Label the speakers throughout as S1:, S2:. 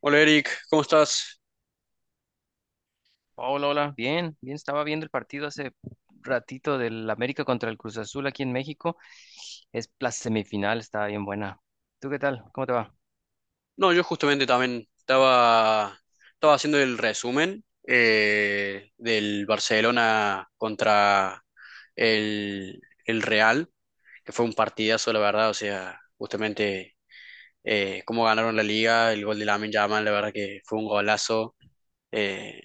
S1: Hola Eric, ¿cómo estás?
S2: Hola, hola. Bien, bien, estaba viendo el partido hace ratito del América contra el Cruz Azul aquí en México. Es la semifinal, estaba bien buena. ¿Tú qué tal? ¿Cómo te va?
S1: No, yo justamente también estaba haciendo el resumen del Barcelona contra el Real, que fue un partidazo, la verdad, o sea, justamente cómo ganaron la liga, el gol de Lamine Yamal, la verdad que fue un golazo, eh,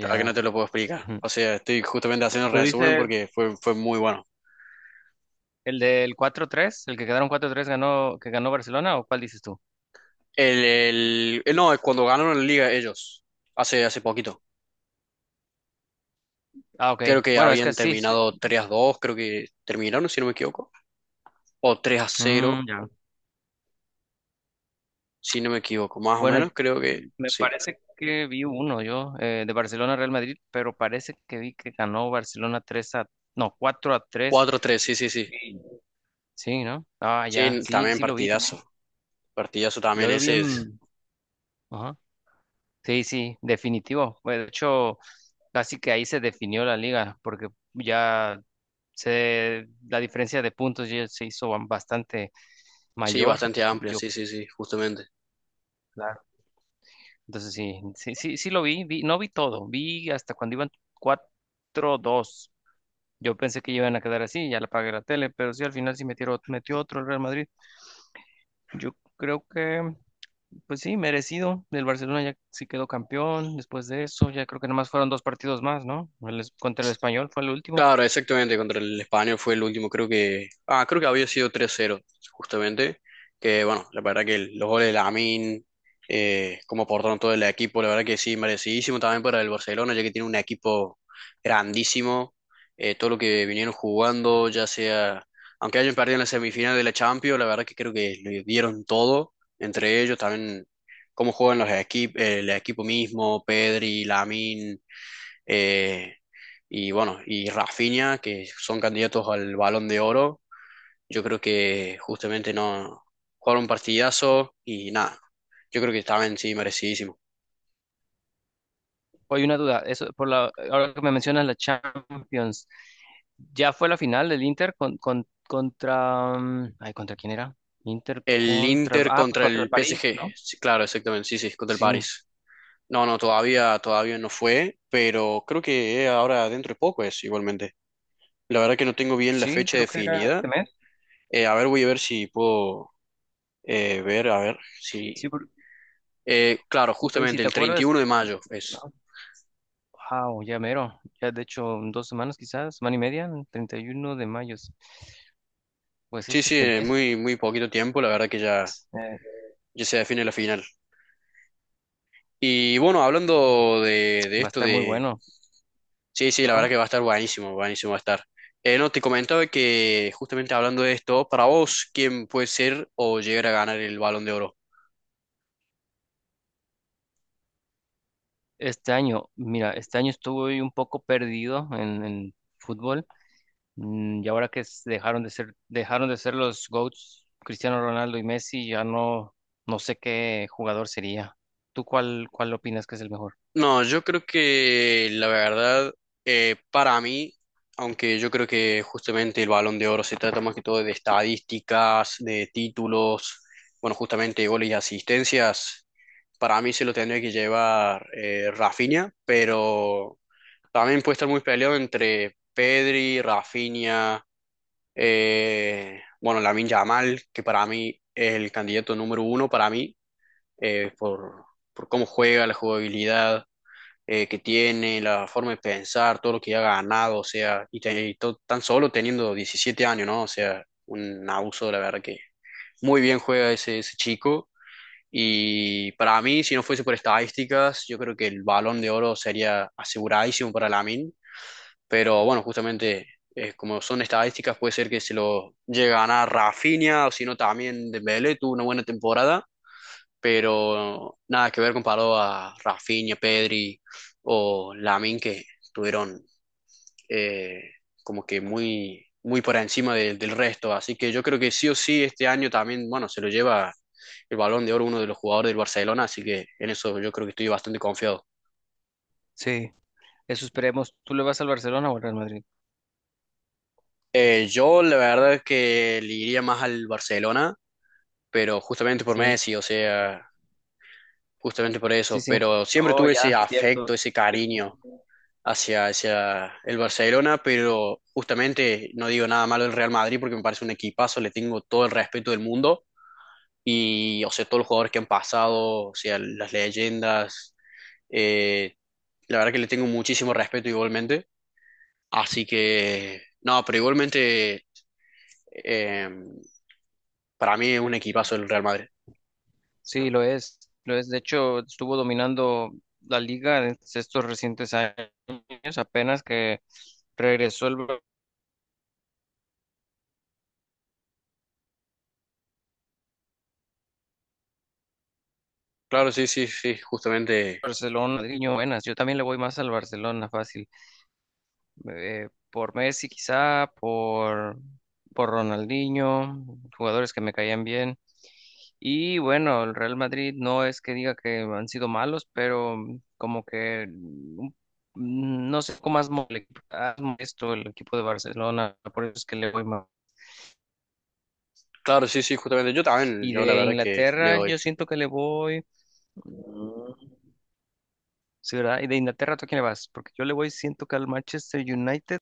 S1: la verdad que no te lo puedo explicar,
S2: Ujú.
S1: o sea, estoy justamente haciendo el
S2: ¿Tú
S1: resumen
S2: dices
S1: porque fue muy bueno.
S2: el del 4-3, el que quedaron 4-3 ganó, que ganó Barcelona, o cuál dices tú?
S1: No, es cuando ganaron la liga ellos, hace poquito.
S2: Ah, ok.
S1: Creo que
S2: Bueno, es que
S1: habían
S2: sí. Sí.
S1: terminado 3-2, creo que terminaron, si no me equivoco. O 3-0,
S2: Mm, ya.
S1: si no me equivoco. Más o
S2: Bueno,
S1: menos, creo que
S2: me
S1: sí.
S2: parece que vi uno yo de Barcelona Real Madrid, pero parece que vi que ganó Barcelona 3 a, no, 4-3.
S1: Cuatro a 3, sí, sí, sí.
S2: Sí, sí, ¿no? Ah, ya,
S1: Sí,
S2: sí,
S1: también
S2: sí lo vi también.
S1: partidazo. Partidazo
S2: Yo
S1: también
S2: lo vi
S1: ese es.
S2: en. Ajá. Sí, sí, definitivo. Bueno, de hecho, casi que ahí se definió la liga, porque ya la diferencia de puntos ya se hizo bastante
S1: Sí,
S2: mayor.
S1: bastante amplio,
S2: Yo,
S1: sí, sí, sí, justamente.
S2: claro. Entonces sí, sí, sí, sí lo vi, no vi todo, vi hasta cuando iban 4-2. Yo pensé que iban a quedar así, ya la apagué la tele, pero sí al final sí metieron, metió otro el Real Madrid. Yo creo que. Pues sí, merecido. El Barcelona ya sí quedó campeón después de eso. Ya creo que nomás fueron dos partidos más, ¿no? El contra el Español fue el último.
S1: Claro, exactamente, contra el España fue el último, creo que, ah, creo que había sido 3-0, justamente, que bueno, la verdad que los goles de Lamin, cómo aportaron todo el equipo, la verdad que sí, merecidísimo también para el Barcelona, ya que tiene un equipo grandísimo, todo lo que vinieron jugando, ya sea, aunque hayan perdido en la semifinal de la Champions, la verdad que creo que le dieron todo, entre ellos también cómo juegan los equipos, el equipo mismo, Pedri, Lamin, eh, y bueno, y Rafinha, que son candidatos al Balón de Oro. Yo creo que justamente no jugaron un partidazo y nada. Yo creo que también sí merecidísimo.
S2: Hay una duda. Eso, por la, ahora que me mencionas la Champions, ¿ya fue la final del Inter? Ay, ¿contra quién era? Inter
S1: El
S2: contra.
S1: Inter
S2: Ah, pues
S1: contra
S2: contra el
S1: el
S2: París,
S1: PSG.
S2: ¿no?
S1: Sí, claro, exactamente. Sí, sí, contra el
S2: Sí,
S1: París. No, no, todavía no fue, pero creo que ahora dentro de poco es igualmente. La verdad que no tengo bien la
S2: sí,
S1: fecha
S2: creo que era este
S1: definida.
S2: mes.
S1: A ver, voy a ver si puedo ver, a ver si.
S2: Sí,
S1: Claro,
S2: ok, si
S1: justamente
S2: te
S1: el treinta y
S2: acuerdas.
S1: uno de mayo es.
S2: Wow, ya mero. Ya de hecho en 2 semanas quizás, semana y media, el 31 de mayo. Sí. Pues
S1: Sí,
S2: es
S1: sí,
S2: este
S1: en
S2: mes,
S1: muy, muy poquito tiempo, la verdad que ya,
S2: eh,
S1: ya se define la final. Y bueno, hablando de
S2: va a
S1: esto
S2: estar muy
S1: de...
S2: bueno.
S1: Sí, sí, la
S2: Ajá.
S1: verdad que va a estar buenísimo, buenísimo va a estar. No, te comentaba que justamente hablando de esto, para vos, ¿quién puede ser o llegar a ganar el Balón de Oro?
S2: Este año, mira, este año estuve un poco perdido en fútbol. Y ahora que dejaron de ser los GOATs, Cristiano Ronaldo y Messi, ya no, no sé qué jugador sería. ¿Tú cuál opinas que es el mejor?
S1: No, yo creo que la verdad, para mí, aunque yo creo que justamente el Balón de Oro se trata más que todo de estadísticas, de títulos, bueno, justamente goles y asistencias. Para mí se lo tendría que llevar Rafinha, pero también puede estar muy peleado entre Pedri, Rafinha, bueno, Lamine Yamal, que para mí es el candidato número uno, para mí, eh, por, por cómo juega, la jugabilidad que tiene, la forma de pensar, todo lo que ha ganado, o sea, tan solo teniendo 17 años, ¿no? O sea, un abuso, la verdad que muy bien juega ese chico. Y para mí, si no fuese por estadísticas, yo creo que el Balón de Oro sería aseguradísimo para Lamine. Pero bueno, justamente como son estadísticas, puede ser que se lo llegue a ganar Rafinha o si no también Dembélé, tuvo una buena temporada, pero nada que ver comparado a Rafinha, Pedri o Lamine que tuvieron eh, como que muy, muy por encima del resto. Así que yo creo que sí o sí este año también, bueno, se lo lleva el Balón de Oro uno de los jugadores del Barcelona, así que en eso yo creo que estoy bastante confiado.
S2: Sí, eso esperemos. ¿Tú le vas al Barcelona o al Real Madrid?
S1: Yo la verdad es que le iría más al Barcelona, pero justamente por
S2: Sí,
S1: Messi, o sea, justamente por
S2: sí,
S1: eso,
S2: sí.
S1: pero siempre
S2: Oh,
S1: tuve ese
S2: ya, cierto.
S1: afecto, ese cariño hacia el Barcelona, pero justamente no digo nada malo del Real Madrid porque me parece un equipazo, le tengo todo el respeto del mundo. Y, o sea, todos los jugadores que han pasado, o sea, las leyendas. eh, la verdad que le tengo muchísimo respeto igualmente. Así que, no, pero igualmente, eh, para mí es un equipazo el Real Madrid.
S2: Sí, lo es, lo es. De hecho, estuvo dominando la liga en estos recientes años, apenas que regresó el
S1: Claro, sí, sí, sí, justamente.
S2: Barcelona. Madrileño, buenas. Yo también le voy más al Barcelona, fácil. Por Messi, quizá, por Ronaldinho, jugadores que me caían bien. Y bueno, el Real Madrid no es que diga que han sido malos, pero como que no sé cómo has molesto el equipo de Barcelona, por eso es que le voy más.
S1: Claro, sí, sí, justamente. Yo también,
S2: Y
S1: yo la
S2: de
S1: verdad que le
S2: Inglaterra
S1: doy.
S2: yo siento que le voy. Mm, sí, ¿verdad? ¿Y de Inglaterra tú a quién le vas? Porque yo le voy, siento que al Manchester United.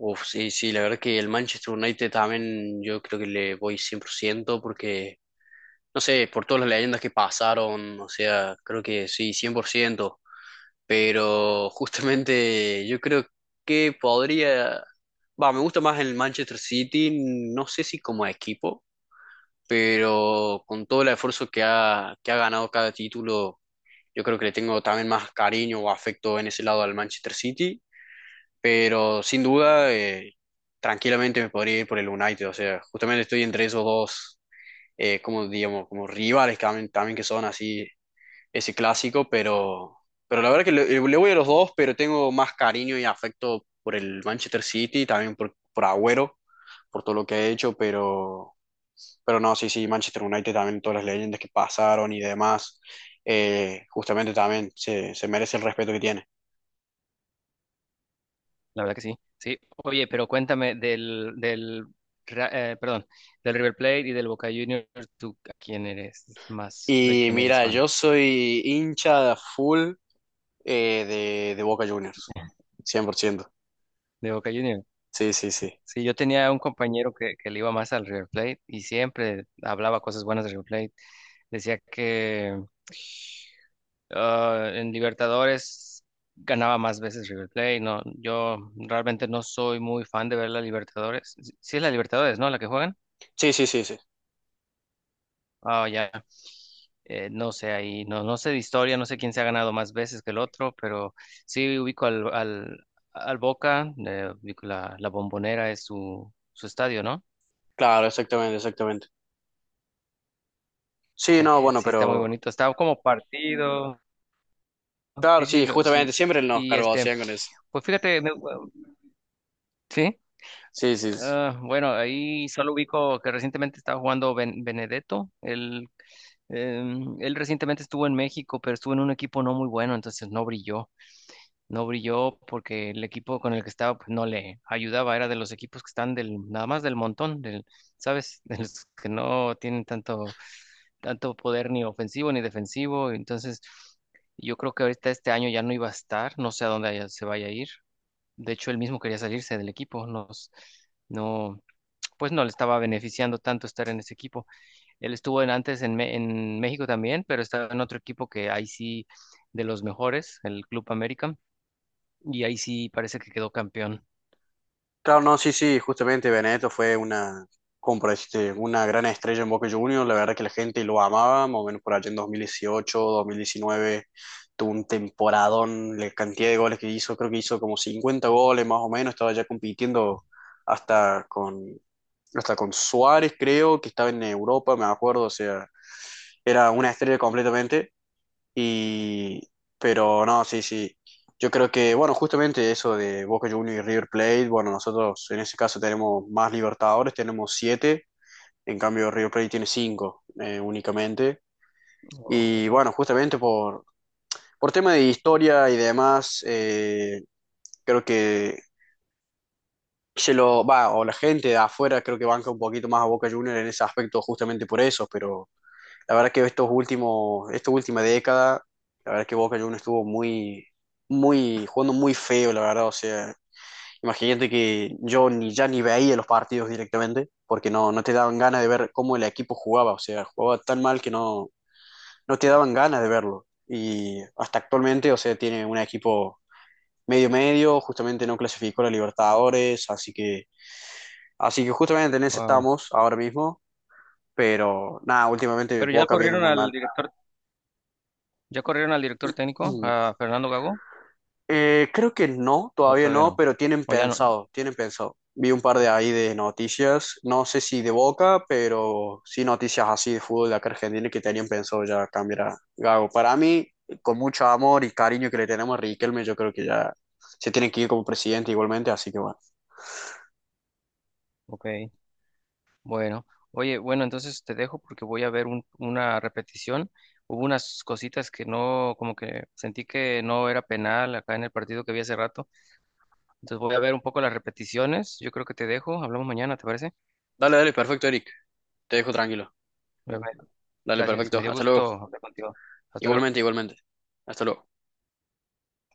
S1: Uf, sí, sí, la verdad que el Manchester United también yo creo que le voy 100% porque no sé, por todas las leyendas que pasaron, o sea, creo que sí, 100%, pero justamente yo creo que podría, va, me gusta más el Manchester City, no sé si como equipo, pero con todo el esfuerzo que ha ganado cada título, yo creo que le tengo también más cariño o afecto en ese lado al Manchester City, pero sin duda, tranquilamente me podría ir por el United, o sea, justamente estoy entre esos dos como digamos, como rivales también, que son así, ese clásico, pero la verdad que le voy a los dos, pero tengo más cariño y afecto por el Manchester City, también por Agüero, por todo lo que ha hecho, pero no, sí, sí, Manchester United también, todas las leyendas que pasaron y demás, justamente también se merece el respeto que tiene.
S2: La verdad que sí. Sí. Oye, pero cuéntame del, perdón, del River Plate y del Boca Juniors. ¿Tú a quién eres más, de
S1: Y
S2: quién eres
S1: mira,
S2: fan?
S1: yo soy hincha full de Boca Juniors, 100%.
S2: De Boca Juniors.
S1: Sí, sí, sí.
S2: Sí, yo tenía un compañero que le iba más al River Plate y siempre hablaba cosas buenas del River Plate. Decía que. Ah, en Libertadores ganaba más veces River Plate, no, yo realmente no soy muy fan de ver la Libertadores. Sí, sí es la Libertadores, ¿no? La que juegan.
S1: Sí, sí, sí, sí.
S2: Ah, ya. No sé ahí, no, no sé de historia, no sé quién se ha ganado más veces que el otro, pero sí ubico al Boca, ubico la Bombonera es su estadio, ¿no?
S1: Claro, exactamente, exactamente. Sí, no, bueno,
S2: Sí, está muy
S1: pero
S2: bonito, está como partido,
S1: claro,
S2: sí, sí,
S1: sí, justamente
S2: sí,
S1: siempre nos
S2: y
S1: cargó
S2: este,
S1: hacían con eso.
S2: pues fíjate, sí.
S1: Sí, sí, sí.
S2: Ah, bueno, ahí solo ubico que recientemente estaba jugando Benedetto. Él recientemente estuvo en México, pero estuvo en un equipo no muy bueno, entonces no brilló. No brilló porque el equipo con el que estaba pues, no le ayudaba. Era de los equipos que están del, nada más del montón, del, ¿sabes? De los que no tienen tanto, tanto poder ni ofensivo ni defensivo. Entonces, yo creo que ahorita este año ya no iba a estar. No sé a dónde se vaya a ir. De hecho, él mismo quería salirse del equipo. No, pues no le estaba beneficiando tanto estar en ese equipo. Él estuvo antes en México también, pero estaba en otro equipo que ahí sí de los mejores, el Club América, y ahí sí parece que quedó campeón.
S1: Claro, no, sí, sí, justamente Benedetto fue una, como por decirte, una gran estrella en Boca Juniors, la verdad que la gente lo amaba, más o menos por allá en 2018, 2019, tuvo un temporadón, la cantidad de goles que hizo, creo que hizo como 50 goles más o menos, estaba ya compitiendo hasta con, hasta con Suárez, creo, que estaba en Europa, me acuerdo, o sea, era una estrella completamente. Y, pero no, sí, sí. Yo creo que, bueno, justamente eso de Boca Juniors y River Plate, bueno, nosotros en ese caso tenemos más Libertadores, tenemos siete, en cambio River Plate tiene cinco únicamente. Y
S2: Oh,
S1: bueno, justamente por tema de historia y demás, creo que se lo va, o la gente de afuera creo que banca un poquito más a Boca Juniors en ese aspecto justamente por eso, pero la verdad que estos últimos, esta última década, la verdad que Boca Juniors estuvo muy, muy, jugando muy feo, la verdad. O sea, imagínate que yo ni ya ni veía los partidos directamente, porque no, no te daban ganas de ver cómo el equipo jugaba. O sea, jugaba tan mal que no, no te daban ganas de verlo. Y hasta actualmente, o sea, tiene un equipo medio medio, justamente no clasificó a la Libertadores, así que justamente en eso
S2: wow.
S1: estamos ahora mismo. Pero nada, últimamente
S2: Pero ya
S1: Boca viene
S2: corrieron
S1: muy
S2: al
S1: mal.
S2: director, ya corrieron al director técnico, a Fernando Gago,
S1: Creo que no,
S2: o
S1: todavía
S2: todavía
S1: no,
S2: no,
S1: pero tienen
S2: o ya no.
S1: pensado, tienen pensado. Vi un par de ahí de noticias, no sé si de Boca, pero sí noticias así de fútbol de acá Argentina que tenían pensado ya cambiar a Gago. Para mí, con mucho amor y cariño que le tenemos a Riquelme, yo creo que ya se tiene que ir como presidente igualmente, así que bueno.
S2: Ok, bueno. Oye, bueno, entonces te dejo porque voy a ver una repetición. Hubo unas cositas que no, como que sentí que no era penal acá en el partido que vi hace rato. Entonces voy a ver un poco las repeticiones. Yo creo que te dejo. Hablamos mañana, ¿te parece?
S1: Dale, dale, perfecto, Eric. Te dejo tranquilo.
S2: Bye, bye.
S1: Dale,
S2: Gracias.
S1: perfecto.
S2: Me dio
S1: Hasta luego.
S2: gusto hablar contigo. Hasta luego.
S1: Igualmente, igualmente. Hasta luego.